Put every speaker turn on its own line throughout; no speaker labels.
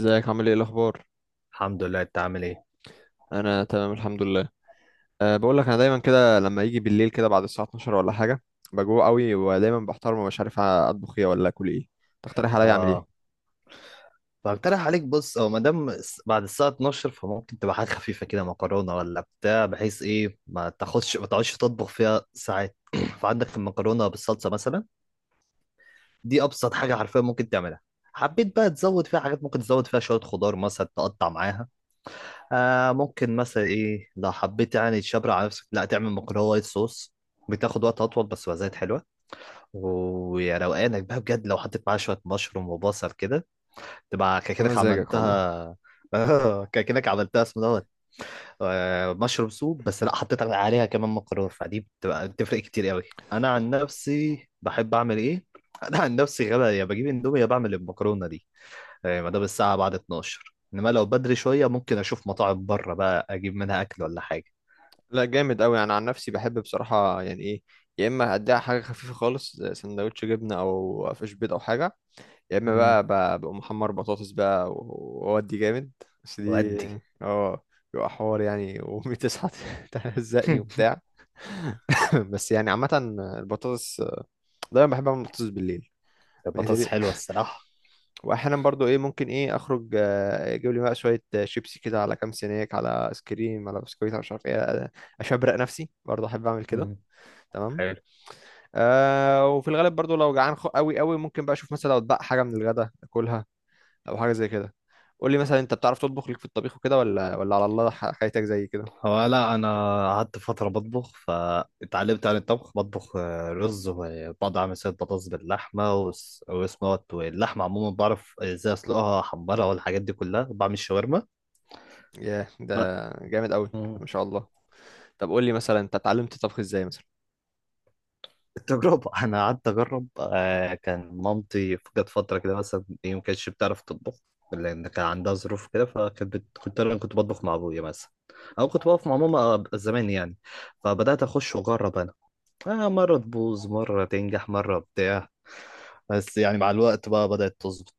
ازيك عامل ايه الاخبار؟
الحمد لله. انت عامل ايه؟
انا تمام الحمد لله. أه بقول لك، انا دايما كده لما يجي بالليل كده بعد الساعه 12 ولا حاجه بجوع قوي، ودايما بحتار ومش عارف اطبخ ايه ولا اكل ايه. تقترح عليا اعمل ايه؟
اه، فاقترح عليك. بص، او ما دام بعد الساعه 12 فممكن تبقى حاجه خفيفه كده، مكرونه ولا بتاع، بحيث ايه، ما تاخدش ما تقعدش تطبخ فيها ساعات. فعندك المكرونه بالصلصه مثلا. دي ابسط حاجه حرفيا ممكن تعملها. حبيت بقى تزود فيها حاجات، ممكن تزود فيها شويه خضار مثلا تقطع معاها. آه، ممكن مثلا ايه، لو حبيت يعني تشبر على نفسك، لا، تعمل مكرونه وايت صوص. بتاخد وقت اطول بس وزيت حلوه. ويا روقانك بقى بجد لو حطيت معاها شويه مشروم وبصل كده تبقى كده
مزاجك والله.
عملتها. كده عملتها اسمه دوت. مشروب سوب، بس لا، حطيت عليها كمان مكرونه، فدي بتبقى بتفرق كتير قوي. انا عن نفسي بحب اعمل ايه؟ انا عن نفسي غبا، يا بجيب اندومي يا بعمل المكرونه دي. ما دام الساعه بعد 12. انما لو بدري شويه ممكن اشوف مطاعم بره بقى اجيب منها اكل ولا حاجة.
لا جامد قوي. انا عن نفسي بحب بصراحه، يعني ايه يا اما اديها حاجه خفيفه خالص زي سندوتش جبنه او فيش بيض او حاجه، يا اما
مم.
بقى بقوم محمر بطاطس بقى واودي جامد. بس دي،
وادي.
اه، بيبقى حوار يعني. وامي تصحى تهزقني وبتاع. بس يعني عامة، البطاطس، دايما بحب اعمل بطاطس بالليل بالنسبة
البطاطس
لي.
حلوه الصراحه.
واحيانا برضو ايه، ممكن ايه اخرج اجيب لي بقى شويه شيبسي كده، على كام سناك، على ايس كريم، على بسكويت، على مش عارف ايه اشبرق نفسي برضو، احب اعمل كده.
مم.
تمام. آه وفي الغالب برضو لو جعان قوي قوي، ممكن بقى اشوف مثلا لو اتبقى حاجه من الغدا اكلها او حاجه زي كده. قول لي مثلا، انت بتعرف تطبخ ليك في الطبيخ وكده ولا على الله حياتك زي كده؟
هو لا، انا قعدت فتره بطبخ فاتعلمت عن الطبخ. بطبخ رز، وبعض اعمل سلطه بطاطس باللحمه، واسمه دوت، واللحمه عموما بعرف ازاي اسلقها، احمرها، والحاجات دي كلها. بعمل شاورما.
ياه ده
لا.
جامد قوي،
مم.
ما شاء الله. طب قول لي مثلا، انت اتعلمت الطبخ ازاي مثلا؟
التجربه. انا قعدت اجرب. كان مامتي جت فتره كده مثلا ايه، ما كانتش بتعرف تطبخ لان كان عندها ظروف كده. كنت انا كنت بطبخ مع ابويا مثلا، او كنت بقف مع ماما زمان يعني. فبدات اخش واجرب انا. مره تبوظ، مره تنجح، مره بتاع، بس يعني مع الوقت بقى بدأت تظبط.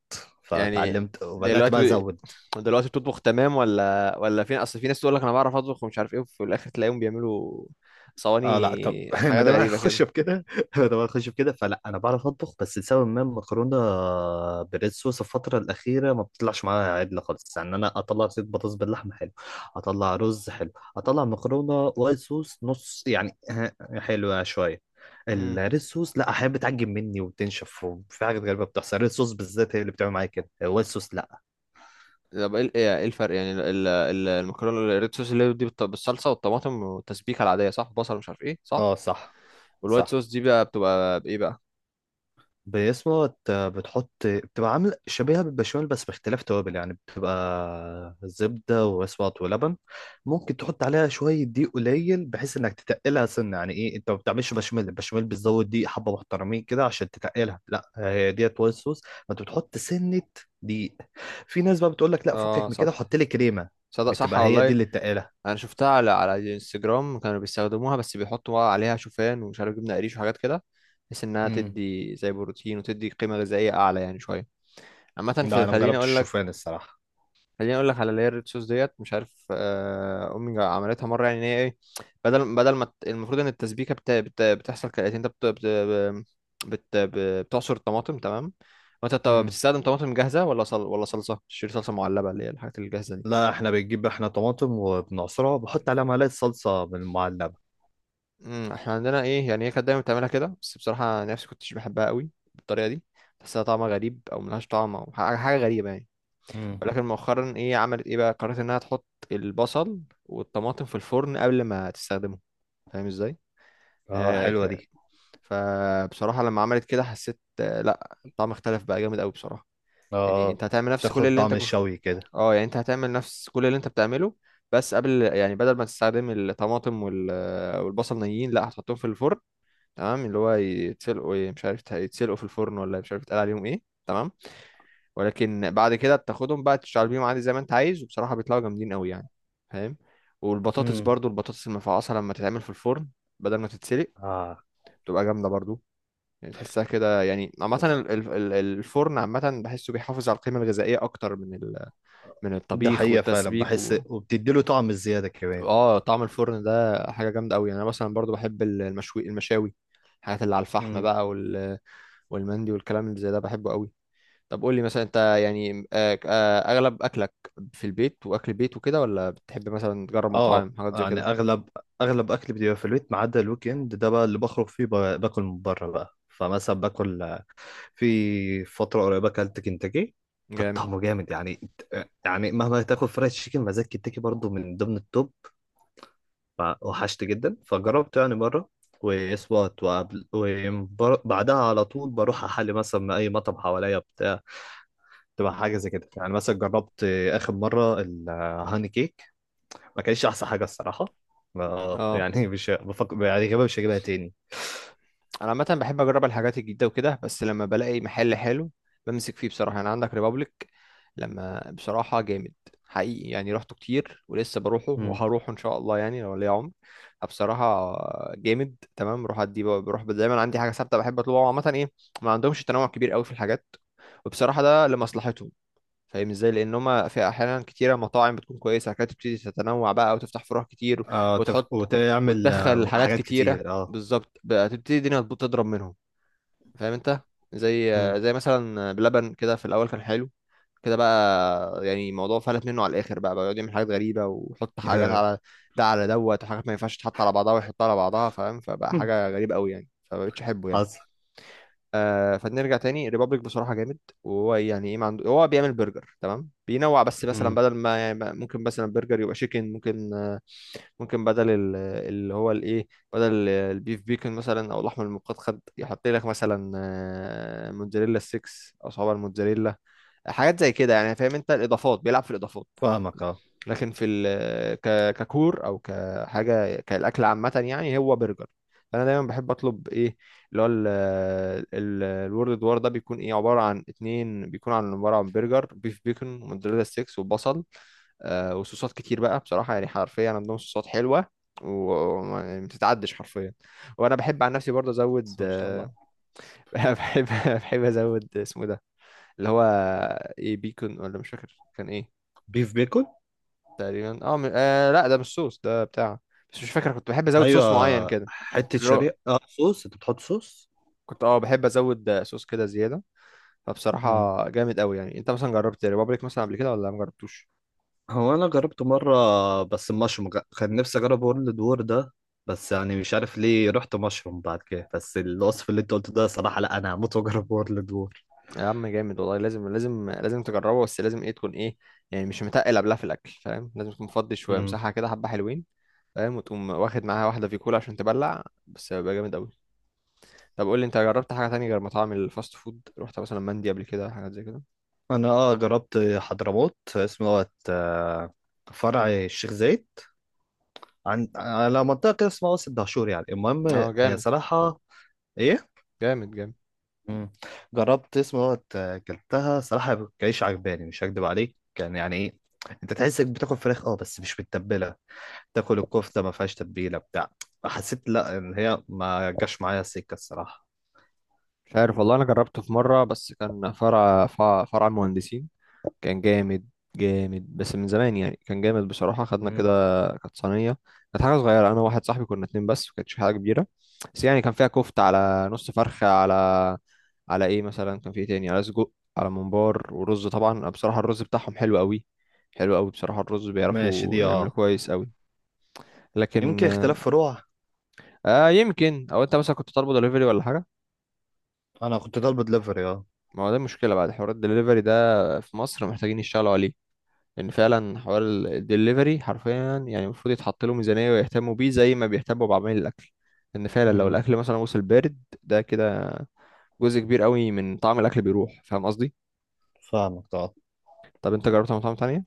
يعني
فتعلمت وبدأت بقى
دلوقتي،
أزود.
بتطبخ تمام ولا فين؟ اصل في ناس تقول لك انا بعرف اطبخ ومش عارف ايه، وفي الاخر تلاقيهم بيعملوا
اه،
صواني
لا طب. ما
حاجات
دام
غريبة
هخش
كده.
بكده. ما دام هخش بكده، فلا، انا بعرف اطبخ، بس لسبب ما المكرونه بريد صوص الفتره الاخيره ما بتطلعش معايا عدله خالص. يعني انا اطلع زيت، بطاطس باللحمه حلو، اطلع رز حلو، اطلع مكرونه وايت صوص نص يعني حلوه شويه.
امم،
الريد صوص لا، احيانا بتعجب مني وبتنشف، وفي حاجات غريبه بتحصل. الريد صوص بالذات هي اللي بتعمل معايا كده، الوايت صوص لا.
طب ايه إيه الفرق يعني، المكرونه الريد صوص اللي هي دي بالصلصه والطماطم والتسبيكه العاديه صح، بصل مش عارف ايه، صح؟
اه، صح.
والوايت
صح،
صوص دي بقى بتبقى بايه بقى؟
بتحط، بتبقى عامل شبيهة بالبشاميل بس باختلاف توابل، يعني بتبقى زبدة واسماط ولبن. ممكن تحط عليها شوية دقيق قليل بحيث انك تتقلها سنة. يعني ايه انت ما بتعملش بشاميل؟ البشاميل بتزود دقيق حبة محترمين كده عشان تتقلها. لا، هي ديت وايت صوص ما انت بتحط سنة دقيق. في ناس بقى بتقول لك لا،
اه
فكك من كده
صح،
وحط لي كريمة.
صدق صح
بتبقى هي دي
والله.
اللي تقلها.
انا شفتها على الانستجرام، كانوا بيستخدموها بس بيحطوا عليها شوفان ومش عارف جبنه قريش وحاجات كده، بحيث انها
امم.
تدي زي بروتين وتدي قيمه غذائيه اعلى يعني شويه. عامه
لا،
في،
انا ما
خليني
جربتش
اقول لك،
الشوفان الصراحة.
على اللي هي الريد صوص ديت، مش عارف امي عملتها مره يعني، ان هي ايه، بدل ما المفروض ان التسبيكه بتحصل كالاتي. انت بت... بت- بتعصر الطماطم، تمام؟ وانت بتستخدم طماطم جاهزه ولا صلصه؟ تشتري صلصه معلبه اللي هي الحاجات الجاهزه دي.
لا، احنا بنجيب احنا طماطم وبنعصرها، وبحط عليها معلقة صلصة من المعلبة.
امم، احنا عندنا ايه يعني، هي كانت دايما بتعملها كده، بس بصراحه أنا نفسي كنتش بحبها قوي بالطريقه دي. بحسها طعمها غريب او ملهاش طعم او حاجه غريبه يعني.
امم.
ولكن مؤخرا ايه، عملت ايه بقى، قررت انها تحط البصل والطماطم في الفرن قبل ما تستخدمه. فاهم ازاي؟
اه،
آه،
حلوة
ك-
دي.
فبصراحه لما عملت كده حسيت آه، لا الطعم اختلف بقى جامد قوي بصراحه. يعني
اه،
انت هتعمل نفس كل
تاخد
اللي انت
طعم الشوي كده.
اه، يعني انت هتعمل نفس كل اللي انت بتعمله، بس قبل يعني، بدل ما تستخدم الطماطم والبصل نيين، لا هتحطهم في الفرن، تمام؟ اللي هو يتسلقوا ايه مش عارف، يتسلقوا في الفرن ولا مش عارف يتقال عليهم ايه، تمام؟ ولكن بعد كده بتاخدهم بقى تشتغل بيهم عادي زي ما انت عايز، وبصراحة بيطلعوا جامدين قوي يعني. فاهم؟ والبطاطس
امم.
برضو، البطاطس المفعصة لما تتعمل في الفرن بدل ما تتسلق،
اه.
بتبقى جامدة برضو. يعني تحسها كده يعني. عامة
بتح-
الفرن عامة بحسه بيحافظ على القيمة الغذائية أكتر من من
ده
الطبيخ
حقيقة فعلا
والتسبيك
بحس، وبتديله طعم الزيادة كمان.
اه، طعم الفرن ده حاجة جامدة قوي يعني. أنا مثلا برضو بحب المشوي، المشاوي، الحاجات اللي على الفحم
امم.
بقى، والمندي والكلام اللي زي ده، بحبه قوي. طب قول لي مثلا انت، يعني اغلب اكلك في البيت واكل بيت وكده، ولا بتحب مثلا تجرب
اه
مطاعم حاجات زي
يعني
كده؟
اغلب، اكل بيبقى في البيت، ما عدا الويك اند ده بقى اللي بخرج فيه، باكل من بره بقى. فمثلا باكل، في فتره قريبه اكلت كنتاكي. كان
جامد.
طعمه جامد يعني. يعني مهما تاكل فرايد تشيكن، مزاج كنتاكي برضه من ضمن التوب. فوحشت جدا فجربت يعني مرة، واسوات وقبل وبعدها على طول بروح أحل مثلا من أي مطعم حواليا بتاع، تبقى حاجة زي كده. يعني مثلا جربت آخر مرة الهاني كيك، ما كانش أحسن حاجة الصراحة.
اه،
يعني مش بفكر يعني غالبا مش هجيبها تاني.
انا عامه بحب اجرب الحاجات الجديده وكده، بس لما بلاقي محل حلو بمسك فيه بصراحه. يعني عندك ريبابليك، لما بصراحه جامد حقيقي يعني. رحته كتير ولسه بروحه
مم.
وهروحه ان شاء الله يعني لو ليا عمر. بصراحه جامد. تمام، بروح ادي، بروح دايما عندي حاجه ثابته بحب اطلبها عامه ايه، ما عندهمش تنوع كبير قوي في الحاجات. وبصراحه ده لمصلحتهم. فاهم ازاي، لان هما في احيانا كتيره مطاعم بتكون كويسه كانت تبتدي تتنوع بقى وتفتح فروع كتير
آه،
وتحط،
وتعمل
وتدخل حاجات
حاجات
كتيره،
كتير. اه.
بالظبط بقى تبتدي الدنيا تبوظ تضرب منهم. فاهم انت؟ زي
مم.
مثلا بلبن كده، في الاول كان حلو، كده بقى يعني الموضوع فلت منه على الاخر بقى، يقعد يعمل حاجات غريبه ويحط حاجات على ده على دوت، وحاجات ما ينفعش تتحط على بعضها ويحطها على بعضها. فاهم؟ فبقى حاجه غريبه قوي يعني، فمبقتش احبه يعني.
حصل.
آه، فنرجع تاني، ريبابليك بصراحة جامد. وهو يعني ايه، ما عنده هو بيعمل برجر تمام، بينوع بس مثلا،
مم.
بدل ما يعني، ممكن مثلا برجر يبقى شيكن، ممكن آه، ممكن بدل اللي هو الايه، بدل البيف بيكن مثلا او اللحم المقدد، يحط لك مثلا آه، موتزاريلا 6، او صوابع الموتزاريلا، حاجات زي كده يعني. فاهم انت؟ الاضافات، بيلعب في الاضافات،
فاهمك، اه.
لكن في ال، ك، ككور او كحاجه، كالاكل عامه يعني هو برجر. فانا دايما بحب اطلب ايه، اللي هو الورد وار، ده بيكون ايه، عباره عن اتنين، بيكون عن، عباره عن برجر بيف، بيكون وموتزاريلا ستيكس وبصل آه وصوصات كتير بقى. بصراحه يعني حرفيا عندهم صوصات حلوه وما بتتعدش حرفيا. وانا بحب عن نفسي برضه ازود
بس ما شاء
آه،
الله.
بحب بحب ازود اسمه إيه ده، اللي هو ايه، بيكون، ولا مش فاكر كان ايه.
بيف بيكون.
تقريبا اه، م... آه لا ده مش صوص ده بتاع، بس مش فاكر، كنت بحب ازود
ايوه،
صوص معين كده.
حته
الرو...
شريحه، اه. صوص، انت بتحط صوص.
كنت اه بحب ازود آه، صوص كده زياده.
مم.
فبصراحه جامد قوي يعني. انت مثلا جربت ريبابليك مثلا قبل كده ولا ما جربتوش؟
هو انا جربته مره، بس المشروم كان نفسي اجرب وورلد وور ده، بس يعني مش عارف ليه رحت مشروم بعد كده. بس الوصف اللي انت قلته ده صراحه، لا انا هموت واجرب وورلد وور.
يا عم جامد والله، لازم لازم لازم تجربه، بس لازم ايه، تكون ايه يعني مش متقل قبلها في الاكل. فاهم؟ لازم تكون مفضي شويه،
امم.
مساحه كده حبه حلوين. فاهم؟ وتقوم واخد معاها واحده في كولا عشان تبلع، بس بيبقى جامد قوي. طب قول لي، انت جربت حاجه تانية غير مطاعم الفاست فود؟ رحت مثلا مندي قبل كده، حاجات زي كده؟
انا اه جربت حضرموت اسمه دوت فرع الشيخ زايد، عن على منطقه كده اسمها وسط دهشور يعني. المهم
اه
هي صراحه ايه.
جامد جامد.
مم. جربت اسمه دوت اكلتها صراحه كانش عجباني. مش هكدب عليك، كان يعني ايه، انت تحسك بتاكل فراخ اه بس مش متبله. تاكل الكفته ما فيهاش تتبيله بتاع، فحسيت لا، ان هي ما جاش معايا سكه الصراحه.
مش عارف والله، انا جربته في مره بس، كان فرع المهندسين، كان جامد. جامد بس من زمان يعني، كان جامد بصراحه. خدنا كده
مم.
كانت صينيه، كانت حاجه صغيره، انا وواحد صاحبي كنا اتنين بس، ما كانتش حاجه كبيره. بس يعني كان فيها كفته، على نص فرخه، على ايه مثلا، كان فيه إيه تاني، على سجق، على ممبار ورز. طبعا أنا بصراحه الرز بتاعهم حلو قوي، حلو قوي بصراحه. الرز
ماشي
بيعرفوا
دي،
يعملوا
اه
كويس قوي. لكن
يمكن اختلاف فروع.
آه، يمكن، او انت مثلا كنت طالبه دليفري ولا حاجه.
انا كنت طالب دليفري، اه.
ما هو ده المشكلة، بعد حوار الدليفري ده في مصر محتاجين يشتغلوا عليه. لأن فعلا حوار الدليفري حرفيا يعني المفروض يتحط له ميزانية ويهتموا بيه زي ما بيهتموا بعمل الأكل، لأن فعلا لو
مم.
الأكل مثلا وصل بارد، ده كده جزء كبير قوي من طعم الأكل بيروح. فاهم قصدي؟
فاهمك طبعا.
طب أنت جربت مطاعم تانية؟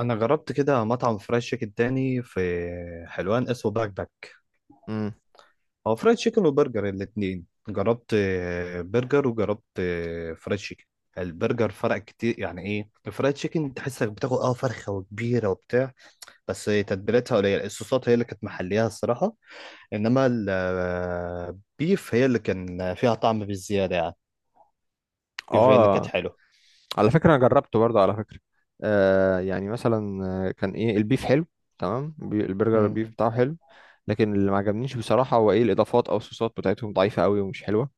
انا جربت كده مطعم فرايد تشيكن تاني في حلوان اسمه باك باك.
امم،
هو فرايد تشيكن وبرجر، الاتنين جربت، برجر وجربت فرايد تشيكن. البرجر فرق كتير يعني ايه، الفرايد تشيكن تحسك بتاخد اه فرخه وكبيره وبتاع، بس تتبيلتها قليله، الصوصات هي اللي كانت محليها الصراحه. انما البيف هي اللي كان فيها طعم بالزياده يعني. البيف هي اللي كانت
آه،
حلوه.
على فكرة أنا جربته برضه على فكرة. آه يعني مثلا آه، كان إيه، البيف حلو، تمام. البرجر
مم.
البيف بتاعه حلو، لكن اللي ما عجبنيش بصراحة هو إيه، الإضافات أو الصوصات بتاعتهم ضعيفة قوي ومش حلوة.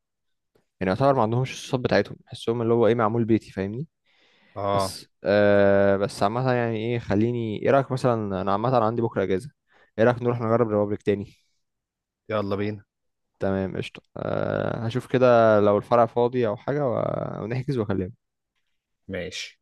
يعني يعتبر ما عندهمش، الصوت بتاعتهم بحسهم اللي هو ايه معمول بيتي. فاهمني؟
اه،
بس آه، بس عامة يعني ايه، خليني ايه رأيك مثلا، انا عامة عندي بكرة اجازة، ايه رأيك نروح نجرب ريبابليك تاني؟
يلا بينا.
تمام قشطة، آه هشوف كده لو الفرع فاضي او حاجة ونحجز واكلمك.
ماشي.